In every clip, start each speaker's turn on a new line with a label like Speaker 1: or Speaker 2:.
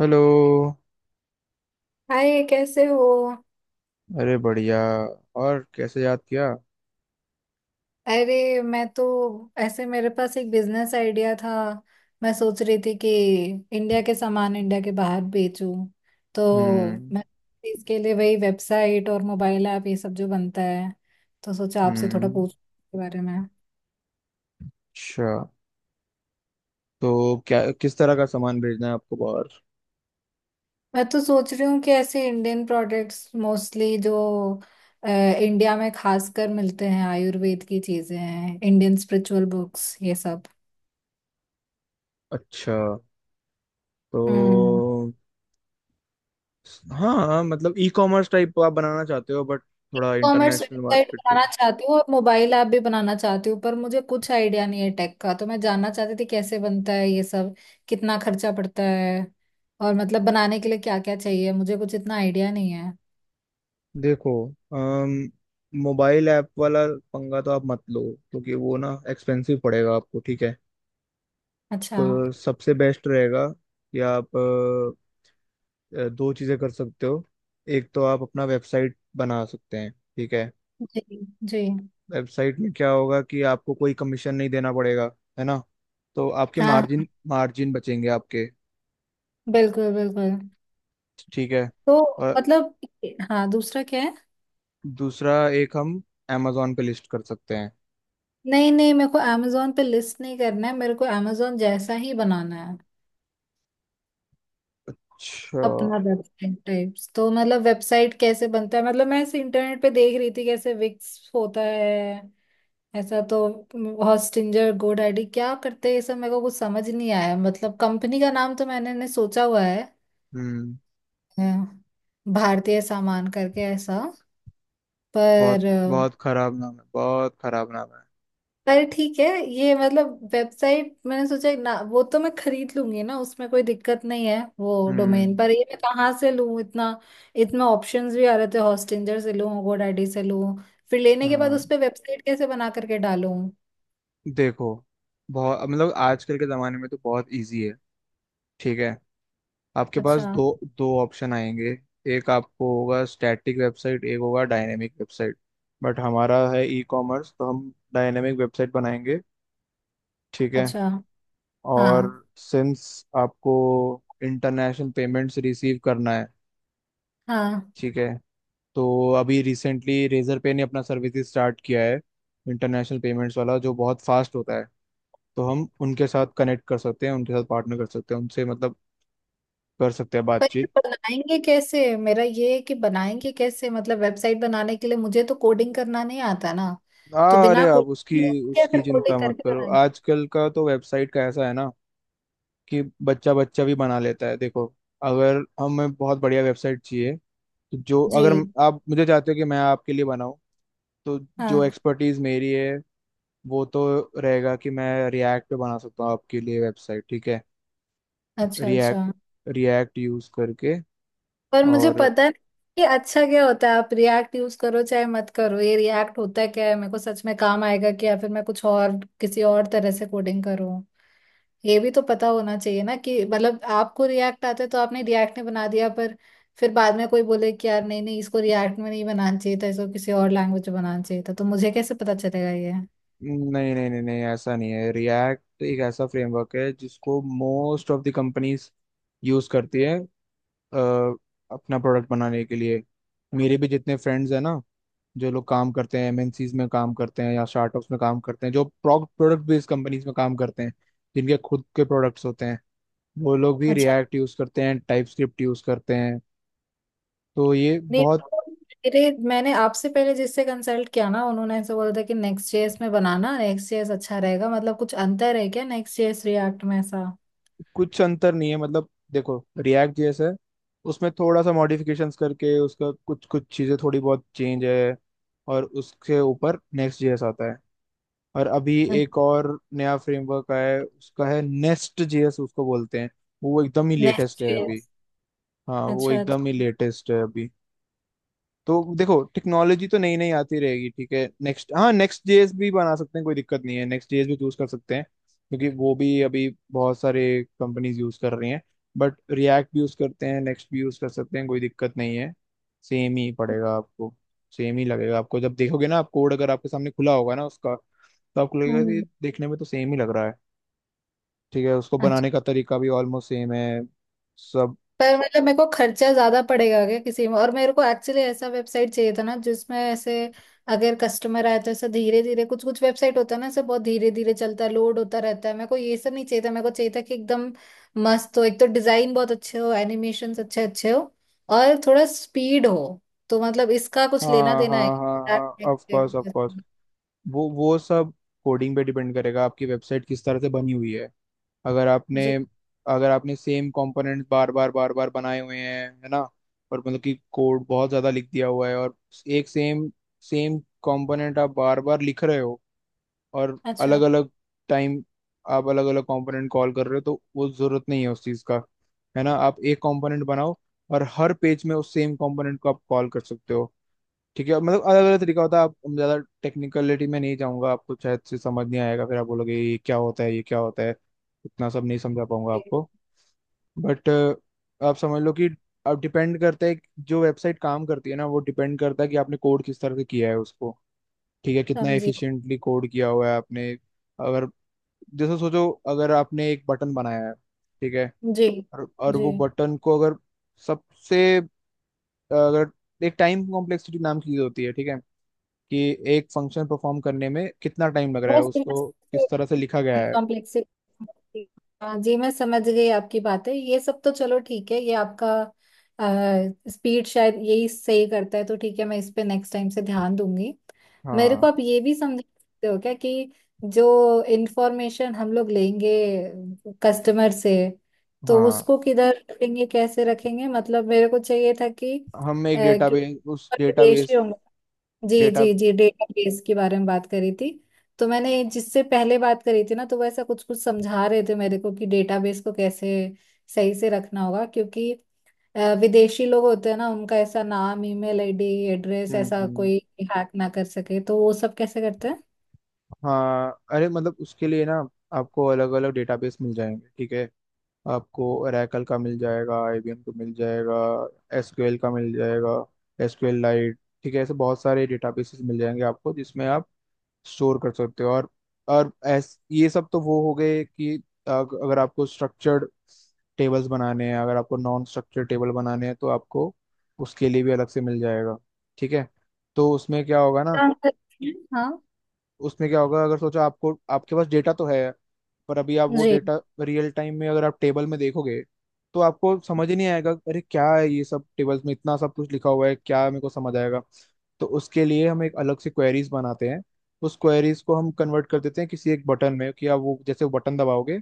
Speaker 1: Hello.
Speaker 2: Hi, कैसे हो।
Speaker 1: अरे बढ़िया। और कैसे याद किया।
Speaker 2: अरे, मैं तो ऐसे मेरे पास एक बिजनेस आइडिया था। मैं सोच रही थी कि इंडिया के सामान इंडिया के बाहर बेचूं, तो
Speaker 1: हम्म।
Speaker 2: मैं इसके लिए वही वेबसाइट और मोबाइल ऐप ये सब जो बनता है, तो सोचा आपसे थोड़ा
Speaker 1: हम्म।
Speaker 2: पूछ के बारे में।
Speaker 1: अच्छा, तो क्या किस तरह का सामान भेजना है आपको बाहर।
Speaker 2: मैं तो सोच रही हूँ कि ऐसे इंडियन प्रोडक्ट्स मोस्टली जो इंडिया में खासकर मिलते हैं, आयुर्वेद की चीजें हैं, इंडियन स्पिरिचुअल बुक्स ये सब।
Speaker 1: अच्छा। तो
Speaker 2: हम्म।
Speaker 1: हाँ, मतलब ई कॉमर्स टाइप आप बनाना चाहते हो, बट
Speaker 2: ई
Speaker 1: थोड़ा
Speaker 2: कॉमर्स
Speaker 1: इंटरनेशनल
Speaker 2: वेबसाइट
Speaker 1: मार्केट के
Speaker 2: बनाना
Speaker 1: लिए।
Speaker 2: चाहती हूँ और मोबाइल ऐप भी बनाना चाहती हूँ, पर मुझे कुछ आइडिया नहीं है टेक का, तो मैं जानना चाहती थी कैसे बनता है ये सब, कितना खर्चा पड़ता है और मतलब बनाने के लिए क्या क्या चाहिए, मुझे कुछ इतना आइडिया नहीं है।
Speaker 1: देखो, अम, मोबाइल ऐप वाला पंगा तो आप मत लो, क्योंकि वो ना एक्सपेंसिव पड़ेगा आपको। ठीक है।
Speaker 2: अच्छा।
Speaker 1: तो सबसे बेस्ट रहेगा कि आप दो चीज़ें कर सकते हो। एक तो आप अपना वेबसाइट बना सकते हैं। ठीक है।
Speaker 2: जी। जी।
Speaker 1: वेबसाइट में क्या होगा कि आपको कोई कमीशन नहीं देना पड़ेगा, है ना। तो आपके
Speaker 2: हाँ
Speaker 1: मार्जिन
Speaker 2: हाँ,
Speaker 1: मार्जिन बचेंगे आपके।
Speaker 2: बिल्कुल बिल्कुल।
Speaker 1: ठीक है।
Speaker 2: तो
Speaker 1: और
Speaker 2: मतलब, हाँ दूसरा क्या है?
Speaker 1: दूसरा एक हम amazon पे लिस्ट कर सकते हैं।
Speaker 2: नहीं नहीं, मेरे को अमेजोन पे लिस्ट नहीं करना है, मेरे को अमेजोन जैसा ही बनाना है,
Speaker 1: अच्छा।
Speaker 2: अपना वेबसाइट टाइप्स। तो मतलब वेबसाइट कैसे बनता है? मतलब मैं ऐसे इंटरनेट पे देख रही थी कैसे विक्स होता है ऐसा, तो हॉस्टिंजर, गोडैडी क्या करते हैं ये सब मेरे को कुछ समझ नहीं आया। मतलब कंपनी का नाम तो मैंने ने सोचा हुआ है,
Speaker 1: हम्म
Speaker 2: अ, भारतीय सामान करके, ऐसा।
Speaker 1: बहुत,
Speaker 2: पर
Speaker 1: बहुत खराब नाम है, बहुत खराब नाम है।
Speaker 2: अरे ठीक है, ये मतलब वेबसाइट मैंने सोचा ना, वो तो मैं खरीद लूंगी ना, उसमें कोई दिक्कत नहीं है वो डोमेन।
Speaker 1: हम्म
Speaker 2: पर ये मैं कहाँ से लूँ? इतना इतना ऑप्शंस भी आ रहे थे, हॉस्टिंजर से लूँ, GoDaddy से लूँ, फिर लेने के बाद उस
Speaker 1: हाँ,
Speaker 2: पे वेबसाइट कैसे बना करके डालूं?
Speaker 1: देखो बहुत मतलब आजकल के ज़माने में तो बहुत इजी है। ठीक है। आपके पास
Speaker 2: अच्छा
Speaker 1: दो, दो ऑप्शन आएंगे। एक आपको होगा स्टैटिक वेबसाइट, एक होगा डायनेमिक वेबसाइट। बट हमारा है ई कॉमर्स, तो हम डायनेमिक वेबसाइट बनाएंगे। ठीक है।
Speaker 2: अच्छा।
Speaker 1: और
Speaker 2: हाँ
Speaker 1: सिंस आपको इंटरनेशनल पेमेंट्स रिसीव करना है,
Speaker 2: हाँ।
Speaker 1: ठीक है, तो अभी रिसेंटली रेजर पे ने अपना सर्विस स्टार्ट किया है इंटरनेशनल पेमेंट्स वाला, जो बहुत फास्ट होता है। तो हम उनके साथ कनेक्ट कर सकते हैं, उनके साथ पार्टनर कर सकते हैं, उनसे मतलब कर सकते हैं
Speaker 2: पर ये
Speaker 1: बातचीत।
Speaker 2: बनाएंगे कैसे? मेरा ये है कि बनाएंगे कैसे? मतलब वेबसाइट बनाने के लिए मुझे तो कोडिंग करना नहीं आता ना, तो
Speaker 1: हाँ, अरे
Speaker 2: बिना
Speaker 1: आप उसकी
Speaker 2: कोडिंग कैसे
Speaker 1: उसकी चिंता
Speaker 2: कोडिंग
Speaker 1: मत
Speaker 2: करके
Speaker 1: करो,
Speaker 2: बनाएंगे?
Speaker 1: आजकल का तो वेबसाइट का ऐसा है ना कि बच्चा बच्चा भी बना लेता है। देखो, अगर हमें बहुत बढ़िया वेबसाइट चाहिए, तो जो
Speaker 2: जी।
Speaker 1: अगर आप मुझे चाहते हो कि मैं आपके लिए बनाऊं, तो जो
Speaker 2: हाँ।
Speaker 1: एक्सपर्टीज मेरी है, वो तो रहेगा कि मैं रिएक्ट पे बना सकता हूँ आपके लिए वेबसाइट। ठीक है।
Speaker 2: अच्छा
Speaker 1: रिएक्ट,
Speaker 2: अच्छा।
Speaker 1: रिएक्ट यूज करके।
Speaker 2: पर मुझे
Speaker 1: और
Speaker 2: पता नहीं कि अच्छा क्या होता है, आप रिएक्ट यूज करो चाहे मत करो, ये रिएक्ट होता क्या है, मेरे को सच में काम आएगा कि या फिर मैं कुछ और किसी और तरह से कोडिंग करूँ? ये भी तो पता होना चाहिए ना, कि मतलब आपको रिएक्ट आता है तो आपने रिएक्ट में बना दिया, पर फिर बाद में कोई बोले कि यार, नहीं नहीं, इसको रिएक्ट में नहीं बनाना चाहिए था, इसको किसी और लैंग्वेज में बनाना चाहिए था, तो मुझे कैसे पता चलेगा ये?
Speaker 1: नहीं, नहीं, नहीं, नहीं, ऐसा नहीं है। रिएक्ट एक ऐसा फ्रेमवर्क है जिसको most of the companies use करती है, अ, अपना प्रोडक्ट बनाने के लिए। मेरे भी जितने फ्रेंड्स हैं ना, जो लोग काम करते हैं एमएनसीज में काम करते हैं या स्टार्टअप्स में काम करते हैं, जो प्रोडक्ट बेस्ड कंपनीज में काम करते हैं, जिनके खुद के प्रोडक्ट्स होते हैं, वो लोग भी
Speaker 2: अच्छा।
Speaker 1: रिएक्ट यूज़ करते हैं, टाइप स्क्रिप्ट यूज़ करते हैं। तो ये
Speaker 2: नहीं
Speaker 1: बहुत
Speaker 2: मेरे मैंने आपसे पहले जिससे कंसल्ट किया ना, उन्होंने ऐसे बोला था कि नेक्स्ट जेएस में बनाना, नेक्स्ट जेएस अच्छा रहेगा। मतलब कुछ अंतर है क्या नेक्स्ट जेएस रिएक्ट में ऐसा?
Speaker 1: कुछ अंतर नहीं है। मतलब देखो, रिएक्ट जैसा है, उसमें थोड़ा सा मॉडिफिकेशंस करके उसका कुछ कुछ चीज़ें थोड़ी बहुत चेंज है, और उसके ऊपर नेक्स्ट जेएस आता है। और अभी एक और नया फ्रेमवर्क आया है, उसका है नेस्ट जेएस, उसको बोलते हैं। वो एकदम ही लेटेस्ट
Speaker 2: नेक्स्ट
Speaker 1: है अभी।
Speaker 2: जेएस।
Speaker 1: हाँ, वो
Speaker 2: अच्छा
Speaker 1: एकदम
Speaker 2: अच्छा।
Speaker 1: ही लेटेस्ट है अभी। तो देखो, टेक्नोलॉजी तो नई नई आती रहेगी। ठीक है, नेक्स्ट, हाँ नेक्स्ट जेएस भी बना सकते हैं, कोई दिक्कत नहीं है। नेक्स्ट जेएस भी चूज कर सकते हैं, क्योंकि वो भी अभी बहुत सारे कंपनीज यूज कर रही हैं। बट रिएक्ट भी यूज करते हैं, नेक्स्ट भी यूज कर सकते हैं, कोई दिक्कत नहीं है। सेम ही पड़ेगा आपको। सेम ही लगेगा आपको। जब देखोगे ना आप कोड, अगर आपके सामने खुला होगा ना उसका, तो आपको लगेगा कि
Speaker 2: हम्म।
Speaker 1: देखने में तो सेम ही लग रहा है। ठीक है। उसको बनाने का तरीका भी ऑलमोस्ट सेम है सब।
Speaker 2: पर मतलब मेरे को खर्चा ज्यादा पड़ेगा क्या किसी में? और मेरे को एक्चुअली ऐसा वेबसाइट चाहिए था ना, जिसमें ऐसे अगर कस्टमर आए तो ऐसा धीरे धीरे, कुछ कुछ वेबसाइट होता है ना ऐसे, बहुत धीरे धीरे चलता है, लोड होता रहता है, मेरे को ये सब नहीं चाहिए था। मेरे को चाहिए था कि एकदम मस्त हो, एक तो डिजाइन बहुत अच्छे हो, एनिमेशन अच्छे अच्छे हो और थोड़ा स्पीड हो। तो मतलब इसका कुछ लेना
Speaker 1: हाँ,
Speaker 2: देना
Speaker 1: हाँ,
Speaker 2: है?
Speaker 1: हाँ, हाँ, ऑफ कोर्स। वो सब कोडिंग पे डिपेंड करेगा आपकी वेबसाइट किस तरह से बनी हुई है। अगर आपने,
Speaker 2: जी।
Speaker 1: अगर आपने सेम कंपोनेंट बार बार बार बार बनाए हुए हैं, है ना, और मतलब कि कोड बहुत ज़्यादा लिख दिया हुआ है, और एक सेम सेम कंपोनेंट आप बार बार लिख रहे हो, और अलग
Speaker 2: अच्छा।
Speaker 1: अलग टाइम आप अलग अलग कंपोनेंट कॉल कर रहे हो, तो वो ज़रूरत नहीं है उस चीज़ का। है ना, आप एक कंपोनेंट बनाओ और हर पेज में उस सेम कंपोनेंट को आप कॉल कर सकते हो। ठीक है, मतलब अलग अलग तरीका होता है। आप हम ज्यादा टेक्निकलिटी में नहीं जाऊंगा, आपको शायद से समझ नहीं आएगा, फिर आप बोलोगे ये क्या होता है ये क्या होता है। इतना सब नहीं समझा पाऊंगा आपको। बट आप समझ लो कि अब डिपेंड करता है कि जो वेबसाइट काम करती है ना, वो डिपेंड करता है कि आपने कोड किस तरह से किया है उसको। ठीक है, कितना
Speaker 2: समझी।
Speaker 1: एफिशिएंटली कोड किया हुआ है आपने। अगर, जैसे सोचो, अगर आपने एक बटन बनाया है, ठीक है,
Speaker 2: जी।
Speaker 1: और
Speaker 2: जी।
Speaker 1: वो बटन को अगर सबसे, अगर एक टाइम कॉम्प्लेक्सिटी नाम की चीज होती है, ठीक है, कि एक फंक्शन परफॉर्म करने में कितना टाइम लग रहा है
Speaker 2: बस बस।
Speaker 1: उसको, किस तरह से लिखा गया है।
Speaker 2: कॉम्प्लेक्सिटी। हाँ जी, मैं समझ गई आपकी बातें, ये सब तो चलो ठीक है, ये आपका स्पीड शायद यही सही करता है, तो ठीक है मैं इस पे नेक्स्ट टाइम से ध्यान दूंगी। मेरे
Speaker 1: हाँ,
Speaker 2: को आप ये भी समझ सकते हो क्या कि जो इंफॉर्मेशन हम लोग लेंगे कस्टमर से, तो
Speaker 1: हाँ,
Speaker 2: उसको किधर रखेंगे, कैसे रखेंगे, मतलब मेरे को चाहिए था कि
Speaker 1: हम एक
Speaker 2: कि
Speaker 1: डेटाबेस उस
Speaker 2: विदेशी
Speaker 1: डेटाबेस
Speaker 2: होंगे। जी
Speaker 1: डेटा।
Speaker 2: जी जी, डेटाबेस के बारे में बात करी थी। तो मैंने जिससे पहले बात करी थी ना, तो वो ऐसा कुछ कुछ समझा रहे थे मेरे को कि डेटाबेस को कैसे सही से रखना होगा, क्योंकि विदेशी लोग होते हैं ना, उनका ऐसा नाम, ईमेल आईडी, एड्रेस,
Speaker 1: हम्म,
Speaker 2: ऐसा कोई हैक ना कर सके, तो वो सब कैसे करते हैं,
Speaker 1: हाँ अरे मतलब उसके लिए ना आपको अलग अलग डेटाबेस मिल जाएंगे। ठीक है, आपको ओरेकल का मिल जाएगा, आईबीएम का मिल जाएगा, एसक्यूएल का मिल जाएगा, एसक्यूएल लाइट, ठीक है, ऐसे बहुत सारे डेटाबेसेस मिल जाएंगे आपको, जिसमें आप स्टोर कर सकते हो। और ऐस ये सब तो वो हो गए कि अगर आपको स्ट्रक्चर्ड टेबल्स बनाने हैं, अगर आपको नॉन स्ट्रक्चर्ड टेबल बनाने हैं, तो आपको उसके लिए भी अलग से मिल जाएगा। ठीक है। तो उसमें क्या होगा ना,
Speaker 2: काम करते हैं, हाँ।
Speaker 1: उसमें क्या होगा, अगर सोचो आपको आपके पास डेटा तो है, पर अभी आप वो
Speaker 2: जी।
Speaker 1: डेटा रियल टाइम में अगर आप टेबल में देखोगे, तो आपको समझ ही नहीं आएगा, अरे क्या है ये सब टेबल्स में इतना सब कुछ लिखा हुआ है, क्या मेरे को समझ आएगा। तो उसके लिए हम एक अलग से क्वेरीज बनाते हैं। उस क्वेरीज को हम कन्वर्ट कर देते हैं किसी एक बटन में, कि आप वो, जैसे वो बटन दबाओगे,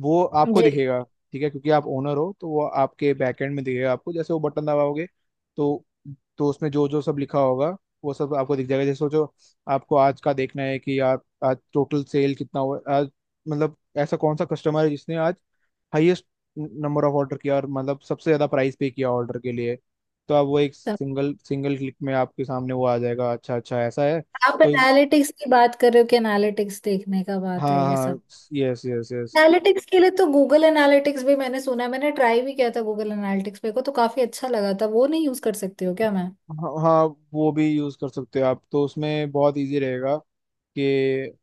Speaker 1: वो आपको
Speaker 2: जी।
Speaker 1: दिखेगा। ठीक है, क्योंकि आप ओनर हो तो वो आपके बैकएंड में दिखेगा आपको, जैसे वो बटन दबाओगे, तो तो उसमें जो जो सब लिखा होगा, वो सब आपको दिख जाएगा। जैसे सोचो, आपको आज का देखना है कि यार आज टोटल सेल कितना हुआ आज, मतलब ऐसा कौन सा कस्टमर है जिसने आज हाईएस्ट नंबर ऑफ ऑर्डर किया, और मतलब सबसे ज्यादा प्राइस पे किया ऑर्डर के लिए, तो आप वो एक
Speaker 2: तो
Speaker 1: सिंगल सिंगल क्लिक में आपके सामने वो आ जाएगा। अच्छा, अच्छा ऐसा है।
Speaker 2: आप
Speaker 1: तो इस,
Speaker 2: एनालिटिक्स की बात कर रहे हो, कि एनालिटिक्स देखने का बात है
Speaker 1: हाँ
Speaker 2: ये?
Speaker 1: हाँ, यस, यस, यस।
Speaker 2: एनालिटिक्स के लिए तो गूगल एनालिटिक्स भी मैंने सुना है, मैंने ट्राई भी किया था गूगल एनालिटिक्स, मेरे को तो काफी अच्छा लगा था, वो नहीं यूज कर सकती हो क्या मैं?
Speaker 1: हाँ, हाँ, वो भी यूज कर सकते हो आप, तो उसमें बहुत इजी रहेगा कि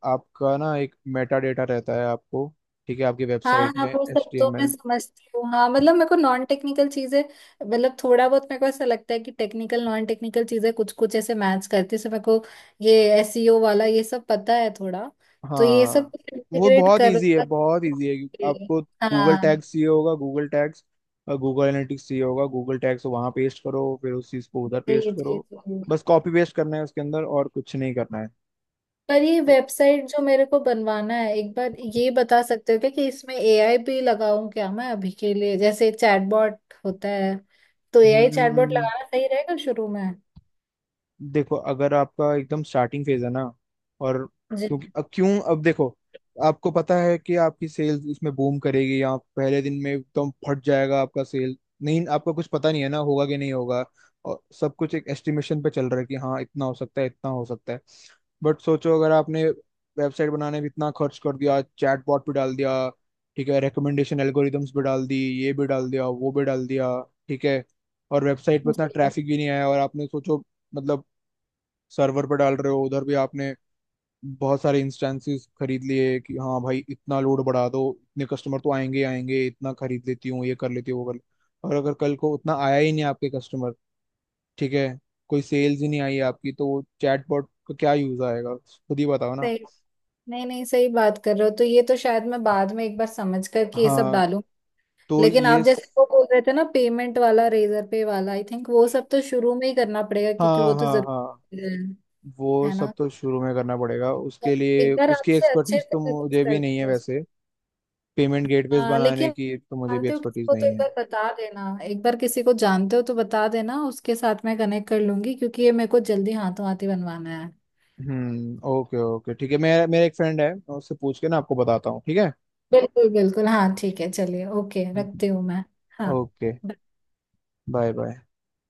Speaker 1: आपका ना एक मेटा डेटा रहता है आपको, ठीक है, आपकी
Speaker 2: हाँ
Speaker 1: वेबसाइट
Speaker 2: हाँ,
Speaker 1: में
Speaker 2: वो
Speaker 1: एच
Speaker 2: सब
Speaker 1: टी
Speaker 2: तो
Speaker 1: एम
Speaker 2: मैं
Speaker 1: एल।
Speaker 2: समझती हूँ। हाँ मतलब मेरे को नॉन टेक्निकल चीजें, मतलब थोड़ा बहुत मेरे को ऐसा लगता है कि टेक्निकल नॉन टेक्निकल चीजें कुछ कुछ ऐसे मैच करती है, जैसे मेरे को ये एसईओ वाला ये सब पता है थोड़ा, तो ये सब
Speaker 1: हाँ वो
Speaker 2: इंटीग्रेट
Speaker 1: बहुत
Speaker 2: कर।
Speaker 1: इजी है, बहुत इजी है आपको। गूगल
Speaker 2: हाँ।
Speaker 1: टैग्स चाहिए होगा, गूगल टैग्स, गूगल एनालिटिक्स चाहिए होगा, गूगल टैग्स वहाँ पेस्ट करो, फिर उस चीज़ को उधर
Speaker 2: जी
Speaker 1: पेस्ट
Speaker 2: जी
Speaker 1: करो।
Speaker 2: जी।
Speaker 1: बस कॉपी पेस्ट करना है उसके अंदर, और कुछ नहीं करना है।
Speaker 2: पर ये वेबसाइट जो मेरे को बनवाना है, एक बार ये बता सकते हो क्या कि इसमें एआई भी लगाऊं क्या मैं अभी के लिए, जैसे चैटबॉट होता है, तो एआई चैटबॉट
Speaker 1: हम्म
Speaker 2: लगाना सही रहेगा शुरू में?
Speaker 1: देखो, अगर आपका एकदम स्टार्टिंग फेज है ना, और
Speaker 2: जी।
Speaker 1: क्योंकि अब क्यों, अब देखो, आपको पता है कि आपकी सेल्स इसमें बूम करेगी या पहले दिन में एकदम फट जाएगा आपका सेल? नहीं, आपको कुछ पता नहीं है, ना होगा कि नहीं होगा, और सब कुछ एक एस्टिमेशन पे चल रहा है कि हाँ, इतना हो सकता है, इतना हो सकता है। बट सोचो, अगर आपने वेबसाइट बनाने में इतना खर्च कर दिया, चैटबॉट पे डाल दिया, ठीक है, रिकमेंडेशन एल्गोरिदम्स पे डाल दी, ये भी डाल दिया वो भी डाल दिया, ठीक है, और वेबसाइट पे इतना
Speaker 2: जी।
Speaker 1: ट्रैफिक भी नहीं आया, और आपने सोचो, मतलब सर्वर पे डाल रहे हो उधर भी आपने बहुत सारे इंस्टेंसेस खरीद लिए, कि हाँ भाई इतना लोड बढ़ा दो, इतने कस्टमर तो आएंगे ही आएंगे, इतना खरीद लेती हूँ, ये कर लेती हूँ, और अगर कल को उतना आया ही नहीं आपके कस्टमर, ठीक है, कोई सेल्स ही नहीं आई आपकी, तो चैटबॉट का क्या यूज आएगा, खुद ही बताओ ना।
Speaker 2: सही। नहीं नहीं, सही बात कर रहे हो, तो ये तो शायद मैं बाद में एक बार समझ कर कि ये सब
Speaker 1: हाँ,
Speaker 2: डालूं।
Speaker 1: तो
Speaker 2: लेकिन
Speaker 1: ये
Speaker 2: आप जैसे
Speaker 1: स-
Speaker 2: वो बोल रहे थे ना पेमेंट वाला, रेजर पे वाला, आई थिंक वो सब तो शुरू में ही करना पड़ेगा, क्योंकि
Speaker 1: हाँ,
Speaker 2: वो तो
Speaker 1: हाँ, हाँ,
Speaker 2: जरूरी है
Speaker 1: वो
Speaker 2: है ना?
Speaker 1: सब तो शुरू में करना पड़ेगा,
Speaker 2: तो
Speaker 1: उसके
Speaker 2: एक
Speaker 1: लिए
Speaker 2: बार
Speaker 1: उसकी
Speaker 2: आपसे अच्छे
Speaker 1: एक्सपर्टीज
Speaker 2: से
Speaker 1: तो
Speaker 2: डिस्कस
Speaker 1: मुझे भी नहीं है
Speaker 2: करते हैं।
Speaker 1: वैसे। पेमेंट गेटवेज
Speaker 2: हाँ
Speaker 1: बनाने
Speaker 2: लेकिन
Speaker 1: की तो मुझे भी
Speaker 2: जानते हो
Speaker 1: एक्सपर्टीज
Speaker 2: किसको, तो
Speaker 1: नहीं
Speaker 2: एक
Speaker 1: है।
Speaker 2: बार बता देना, एक बार किसी को जानते हो तो बता देना, उसके साथ मैं कनेक्ट कर लूंगी, क्योंकि ये मेरे को जल्दी हाथों हाथ ही बनवाना है।
Speaker 1: हम्म, ओके, ओके, ठीक है, मेरा मेरा एक फ्रेंड है, मैं उससे पूछ के ना आपको बताता हूँ। ठीक है।
Speaker 2: बिल्कुल बिल्कुल। हाँ ठीक है, चलिए, ओके, रखती हूँ मैं। हाँ।
Speaker 1: ओके। Bye, bye.